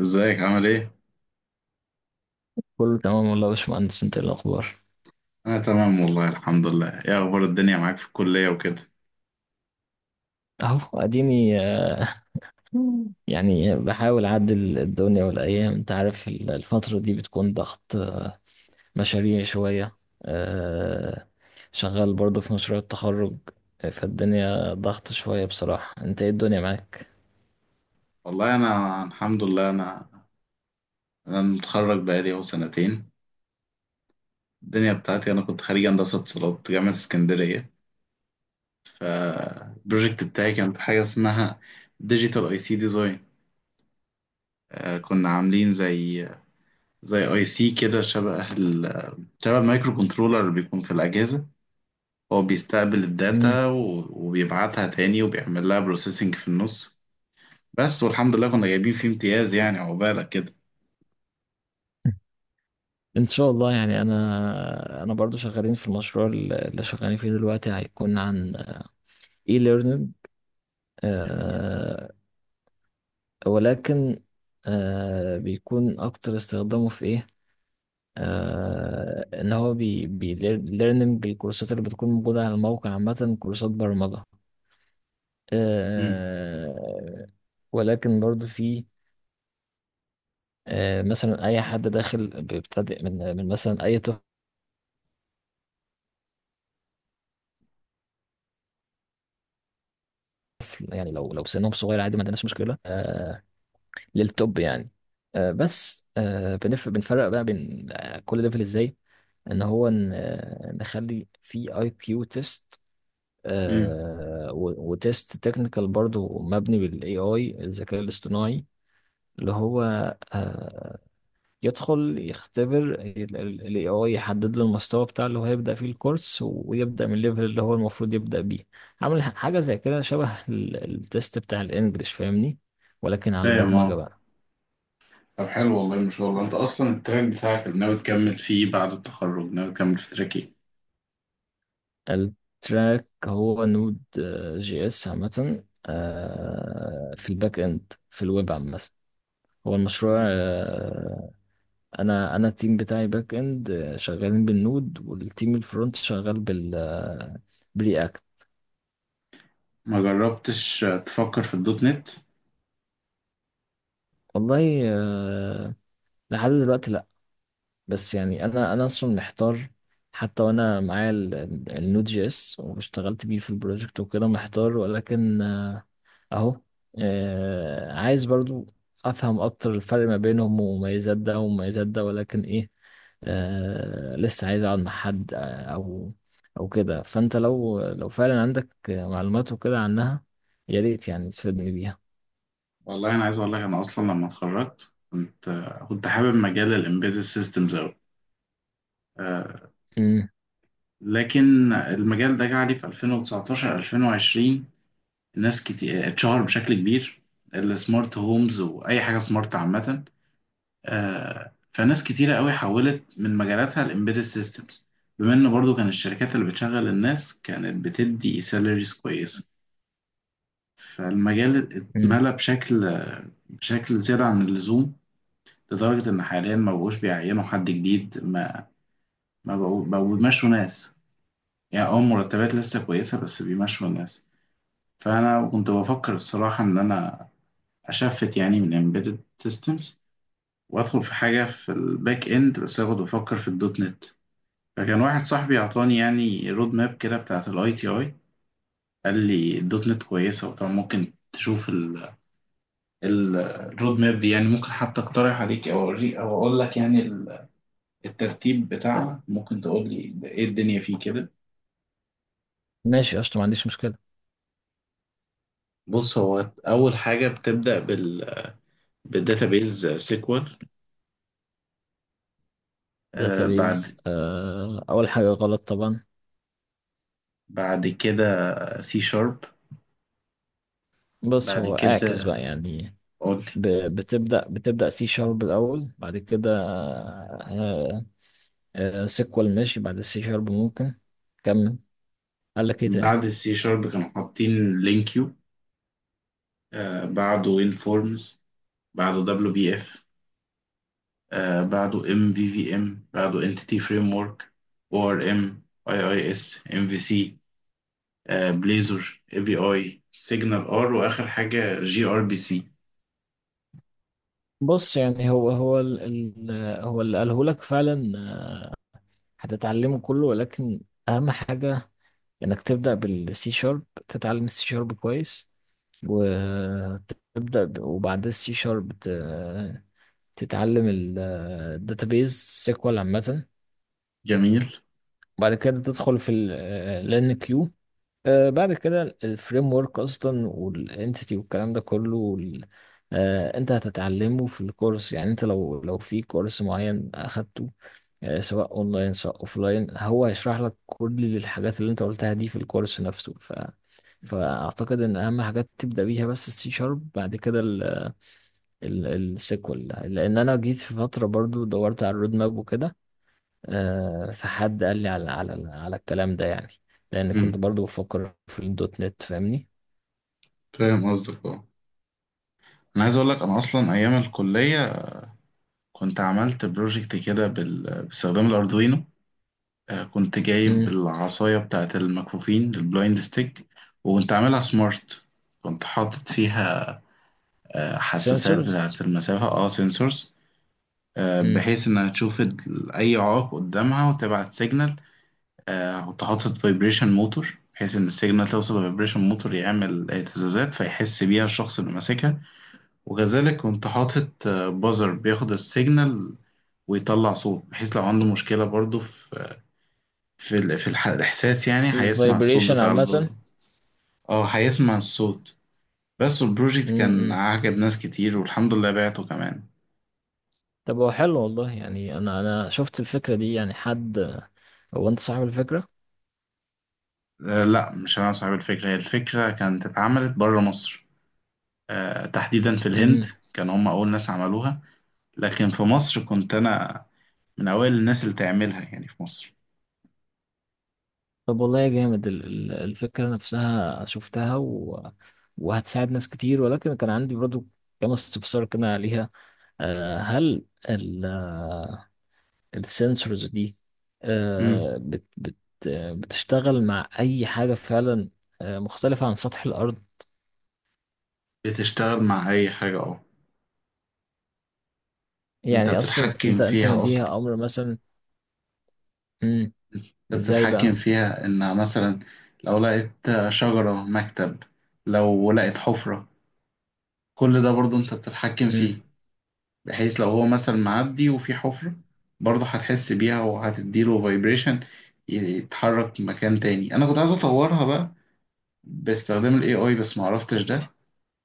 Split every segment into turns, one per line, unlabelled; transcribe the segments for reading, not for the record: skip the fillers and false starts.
ازيك عامل ايه؟
كله تمام والله يا باشمهندس، انت ايه الاخبار؟
انا تمام والله الحمد لله. ايه اخبار الدنيا معاك في الكلية وكده؟
اهو اديني آه، يعني بحاول اعدل الدنيا والايام. انت عارف الفتره دي بتكون ضغط، مشاريع شويه. آه، شغال برضه في مشروع التخرج. فالدنيا ضغط شويه بصراحه. انت ايه الدنيا معاك؟
والله انا الحمد لله. انا متخرج بقالي اهو سنتين. الدنيا بتاعتي انا كنت خريج هندسة اتصالات جامعة اسكندرية. البروجكت بتاعي كان في حاجة اسمها ديجيتال اي سي ديزاين. كنا عاملين زي اي سي كده شبه المايكرو كنترولر اللي بيكون في الأجهزة. هو بيستقبل
مم.
الداتا وبيبعتها تاني وبيعمل لها بروسيسنج في النص. بس والحمد لله كنا جايبين فيه امتياز، يعني عقبالك كده.
ان شاء الله. يعني انا برضو شغالين في المشروع. اللي شغالين فيه دلوقتي هيكون عن اي ليرنينج.
جميل.
ولكن بيكون أكتر استخدامه في إيه؟ آه، إن هو بي ليرنينج الكورسات اللي بتكون موجودة على الموقع، عامة كورسات برمجة.
امم
آه. ولكن برضو في مثلا أي حد داخل بيبتدئ، من مثلا أي طفل، يعني لو سنهم صغير، عادي ما عندناش مشكلة. آه، للتوب يعني. بس بنفرق بقى بين كل ليفل إزاي؟ ان هو نخلي في اي كيو تيست،
امم
وتيست تكنيكال برضو مبني بالاي اي، الذكاء الاصطناعي اللي هو، آه، يدخل يختبر الاي اي، يحدد له المستوى بتاع اللي هو هيبدأ فيه الكورس، ويبدأ من الليفل اللي هو المفروض يبدأ بيه. عامل حاجة زي كده، شبه التيست بتاع الانجليش فاهمني، ولكن على
فاهم
البرمجة
اه.
بقى.
طب حلو والله ما شاء الله، انت اصلا التراك بتاعك اللي ناوي تكمل فيه بعد التخرج، ناوي تكمل في تراك ايه؟
التراك هو نود جي اس عامة، آه، في الباك اند، في الويب عامة. هو المشروع، آه، انا التيم بتاعي باك اند، آه، شغالين بالنود، والتيم الفرونت شغال بال، آه، برياكت.
ما جربتش تفكر في الدوت نت؟
والله آه، لحد دلوقتي لا. بس يعني انا اصلا محتار، حتى وانا معايا النود جي اس واشتغلت بيه في البروجكت وكده، محتار. ولكن آه، اهو، آه، عايز برضو افهم اكتر الفرق ما بينهم، ومميزات ده ومميزات ده. ولكن ايه، آه، لسه عايز اقعد مع حد او كده. فانت لو فعلا عندك معلومات وكده عنها، يا ريت يعني تفيدني بيها.
والله انا عايز اقول لك، انا اصلا لما اتخرجت كنت كنت حابب مجال الامبيدد سيستمز قوي.
امم.
لكن المجال ده جه عليه في 2019 2020 ناس كتير اتشهر بشكل كبير، السمارت هومز واي حاجه سمارت عامه. فناس كتيرة قوي حولت من مجالاتها الامبيدد سيستمز، بما ان برضو كان الشركات اللي بتشغل الناس كانت بتدي سالاريز كويسة. فالمجال
امم.
اتملى بشكل زيادة عن اللزوم، لدرجة ان حاليا ما بقوش بيعينوا حد جديد، ما بقوا بيمشوا ناس. يعني اه مرتبات لسه كويسة بس بيمشوا الناس. فانا كنت بفكر الصراحة ان انا اشفت يعني من امبيدد سيستمز وادخل في حاجة في الباك اند، بس انا كنت بفكر في الدوت نت. فكان واحد صاحبي اعطاني يعني رود ماب كده بتاعت الاي تي اي. قال لي الدوت نت كويسه، وطبعا ممكن تشوف الرود ماب دي، يعني ممكن حتى اقترح عليك او اوريك او اقول لك يعني الترتيب بتاعها، ممكن تقول لي ده ايه الدنيا فيه كده.
ماشي قشطة، ما عنديش مشكلة.
بص هو اول حاجه بتبدا بالداتابيز سيكوال. آه
داتابيز؟
بعد
آه، اول حاجة غلط طبعا.
بعد كده سي شارب.
بص،
بعد
هو اعكس
كده
بقى يعني.
قول لي.
ب- بتبدأ سي شارب الاول، بعد كده آه، آه، سيكوال. ماشي، بعد السي شارب ممكن كمل، قال لك ايه تاني؟
بعد السي شارب كانوا حاطين لينكيو، آه بعده انفورمز، بعده دبليو بي اف، آه بعده ام في في ام، بعده انتيتي فريم ورك او ار ام، اي اي اس ام في سي، بليزر اي بي اي سيجنال ار، واخر حاجه جي ار بي سي.
بص، يعني هو هو ال ال هو اللي قاله لك فعلا آه، هتتعلمه كله. ولكن اهم حاجه انك تبدا بالسي شارب، تتعلم السي شارب كويس. وتبدا وبعد السي شارب تتعلم الداتابيز سيكوال عامه.
جميل.
بعد كده تدخل في الان كيو، آه، بعد كده الفريم ورك اصلا، والانتيتي والكلام ده كله، انت هتتعلمه في الكورس. يعني انت لو في كورس معين اخدته، آه، سواء اونلاين سواء اوفلاين، هو هيشرح لك كل الحاجات اللي انت قلتها دي في الكورس نفسه. فاعتقد ان اهم حاجات تبدا بيها بس السي شارب، بعد كده السيكوال. لان انا جيت في فتره برضو دورت على الرود ماب وكده، آه، فحد قال لي على على الكلام ده يعني، لان كنت
امم
برضو بفكر في الدوت نت، فاهمني.
فاهم قصدك اه. انا عايز اقول لك، انا اصلا ايام الكليه كنت عملت بروجكت كده باستخدام الاردوينو. كنت جايب
امم.
العصايه بتاعه المكفوفين البلايند ستيك، وكنت عاملها سمارت. كنت حاطط فيها حساسات
سنسورز.
بتاعه المسافه، اه سنسورز.
امم.
بحيث انها تشوف اي عائق قدامها وتبعت سيجنال. وتحط فايبريشن موتور بحيث ان السيجنال توصل لفايبريشن موتور يعمل اهتزازات فيحس بيها الشخص اللي ماسكها. وكذلك كنت حاطط بازر بياخد السيجنال ويطلع صوت، بحيث لو عنده مشكلة برضو في الإحساس، يعني هيسمع الصوت
فايبريشن عامه.
اه هيسمع الصوت. بس البروجكت كان
امم.
عجب ناس كتير والحمد لله بعته كمان.
طب هو حلو والله. يعني انا شفت الفكره دي، يعني حد، هو انت صاحب الفكره؟
لا مش انا صاحب الفكرة، هي الفكرة كانت اتعملت بره مصر، تحديدا في الهند.
امم.
كانوا هم أول ناس عملوها، لكن في مصر كنت أنا من أوائل الناس اللي تعملها يعني في مصر.
طب والله جامد، الفكره نفسها شفتها وهتساعد ناس كتير. ولكن كان عندي برضو كام استفسار كده عليها. آه، هل السنسورز دي،
مم.
آه، بت بت آه، بتشتغل مع اي حاجه فعلا آه، مختلفه عن سطح الارض؟
بتشتغل مع أي حاجة أه. أنت
يعني اصلا انت
بتتحكم
انت
فيها أصلا.
مديها امر مثلا؟ مم.
أنت
ازاي
بتتحكم
بقى؟
فيها إنها مثلا لو لقيت شجرة، مكتب، لو لقيت حفرة، كل ده برضه أنت بتتحكم
مم.
فيه. بحيث لو هو مثلا معدي وفي حفرة، برضه هتحس بيها وهتديله فايبريشن يتحرك مكان تاني. أنا كنت عايز أطورها بقى باستخدام الاي اي بس ما عرفتش ده،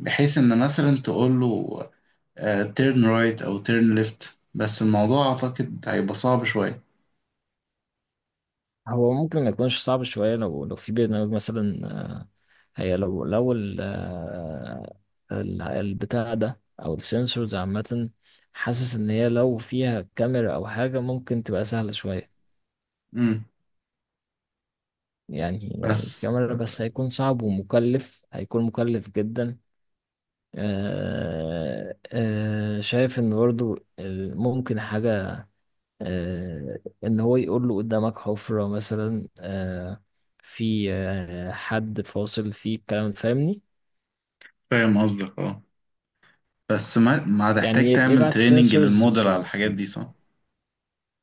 بحيث ان مثلا تقول له تيرن رايت او تيرن ليفت، بس الموضوع اعتقد هيبقى صعب شويه.
هو ممكن ما يكونش صعب شويه لو في برنامج مثلا، آه، هي لو البتاع ده او السنسورز عامه، حاسس ان هي لو فيها كاميرا او حاجه، ممكن تبقى سهله شويه.
امم
يعني
بس
الكاميرا بس هيكون صعب ومكلف، هيكون مكلف جدا. آه، شايف ان برضو ممكن حاجة، آه، ان هو يقول له قدامك حفرة مثلا، آه، في آه حد فاصل في الكلام، فاهمني.
فاهم قصدك اه. بس ما
يعني
هتحتاج تعمل
يبعت
تريننج
سensors
للموديل على الحاجات دي صح؟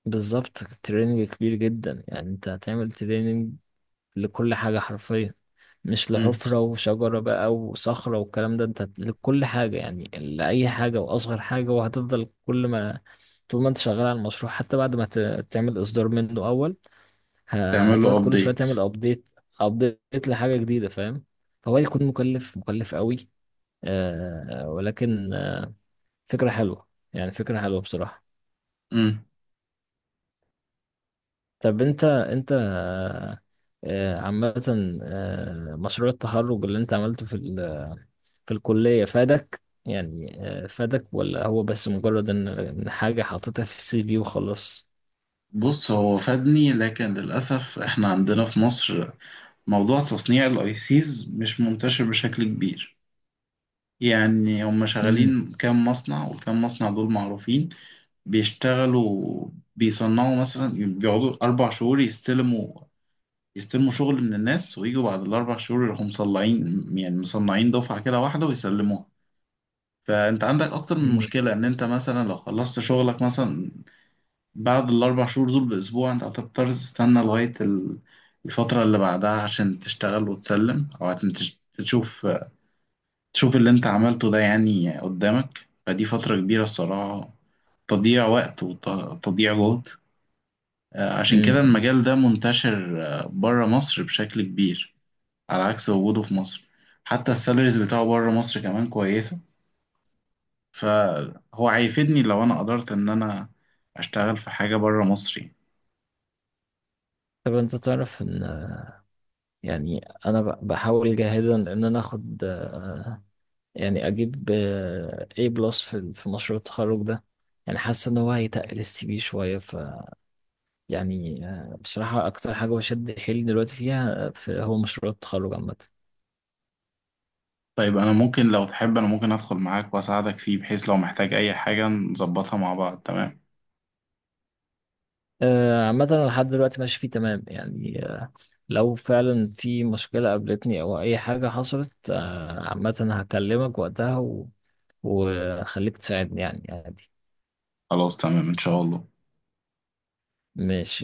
بالظبط. تريننج كبير جدا، يعني انت هتعمل تريننج لكل حاجة حرفيا، مش
امم
لحفرة وشجرة بقى وصخرة والكلام ده، انت لكل حاجة، يعني لأي حاجة وأصغر حاجة. وهتفضل كل ما، طول ما انت شغال على المشروع، حتى بعد ما تعمل إصدار منه أول،
تعمل له
هتقعد كل شوية
ابديت.
تعمل أبديت، أبديت لحاجة جديدة، فاهم. فهو يكون مكلف، مكلف قوي. آه، ولكن آه، فكرة حلوة، يعني فكرة حلوة بصراحة.
امم
طب انت عامة، آه، مشروع التخرج اللي انت عملته في في الكلية فادك يعني؟ آه، فادك ولا هو بس مجرد ان إن حاجة حاططها في السي في وخلاص؟
بص هو فادني، لكن للاسف احنا عندنا في مصر موضوع تصنيع الاي سيز مش منتشر بشكل كبير. يعني هم
امم.
شغالين كام مصنع، والكام مصنع دول معروفين بيشتغلوا. بيصنعوا مثلا، بيقعدوا أربع شهور يستلموا يستلموا شغل من الناس، ويجوا بعد الأربع شهور يروحوا مصنعين، يعني مصنعين دفعة كده واحدة ويسلموها. فأنت عندك أكتر من
امم.
مشكلة، إن أنت مثلا لو خلصت شغلك مثلا بعد الأربع شهور دول بأسبوع، أنت هتضطر تستنى لغاية الفترة اللي بعدها عشان تشتغل وتسلم، أو عشان تشوف تشوف اللي أنت عملته ده يعني قدامك. فدي فترة كبيرة الصراحة، تضييع وقت وتضييع جهد. عشان كده
امم.
المجال ده منتشر بره مصر بشكل كبير، على عكس وجوده في مصر. حتى السالاريز بتاعه بره مصر كمان كويسة. فهو هيفيدني لو أنا قدرت إن أنا أشتغل في حاجة بره مصر يعني.
طب انت تعرف ان، يعني انا بحاول جاهدا ان انا اخد آه، يعني اجيب آه، A بلس في في مشروع التخرج ده. يعني حاسس ان هو هيتقل السي في شوية. يعني آه، بصراحة أكتر حاجة بشد حيلي دلوقتي فيها آه، في هو مشروع التخرج عامة.
طيب أنا ممكن لو تحب أنا ممكن أدخل معاك وأساعدك فيه، بحيث لو محتاج أي حاجة نظبطها مع بعض، تمام؟
آه، عامة أنا لحد دلوقتي ماشي فيه تمام يعني آه، لو فعلا في مشكلة قابلتني أو أي حاجة حصلت آه، عامة هكلمك وقتها وخليك تساعدني يعني عادي.
خلاص تمام إن شاء الله.
ماشي.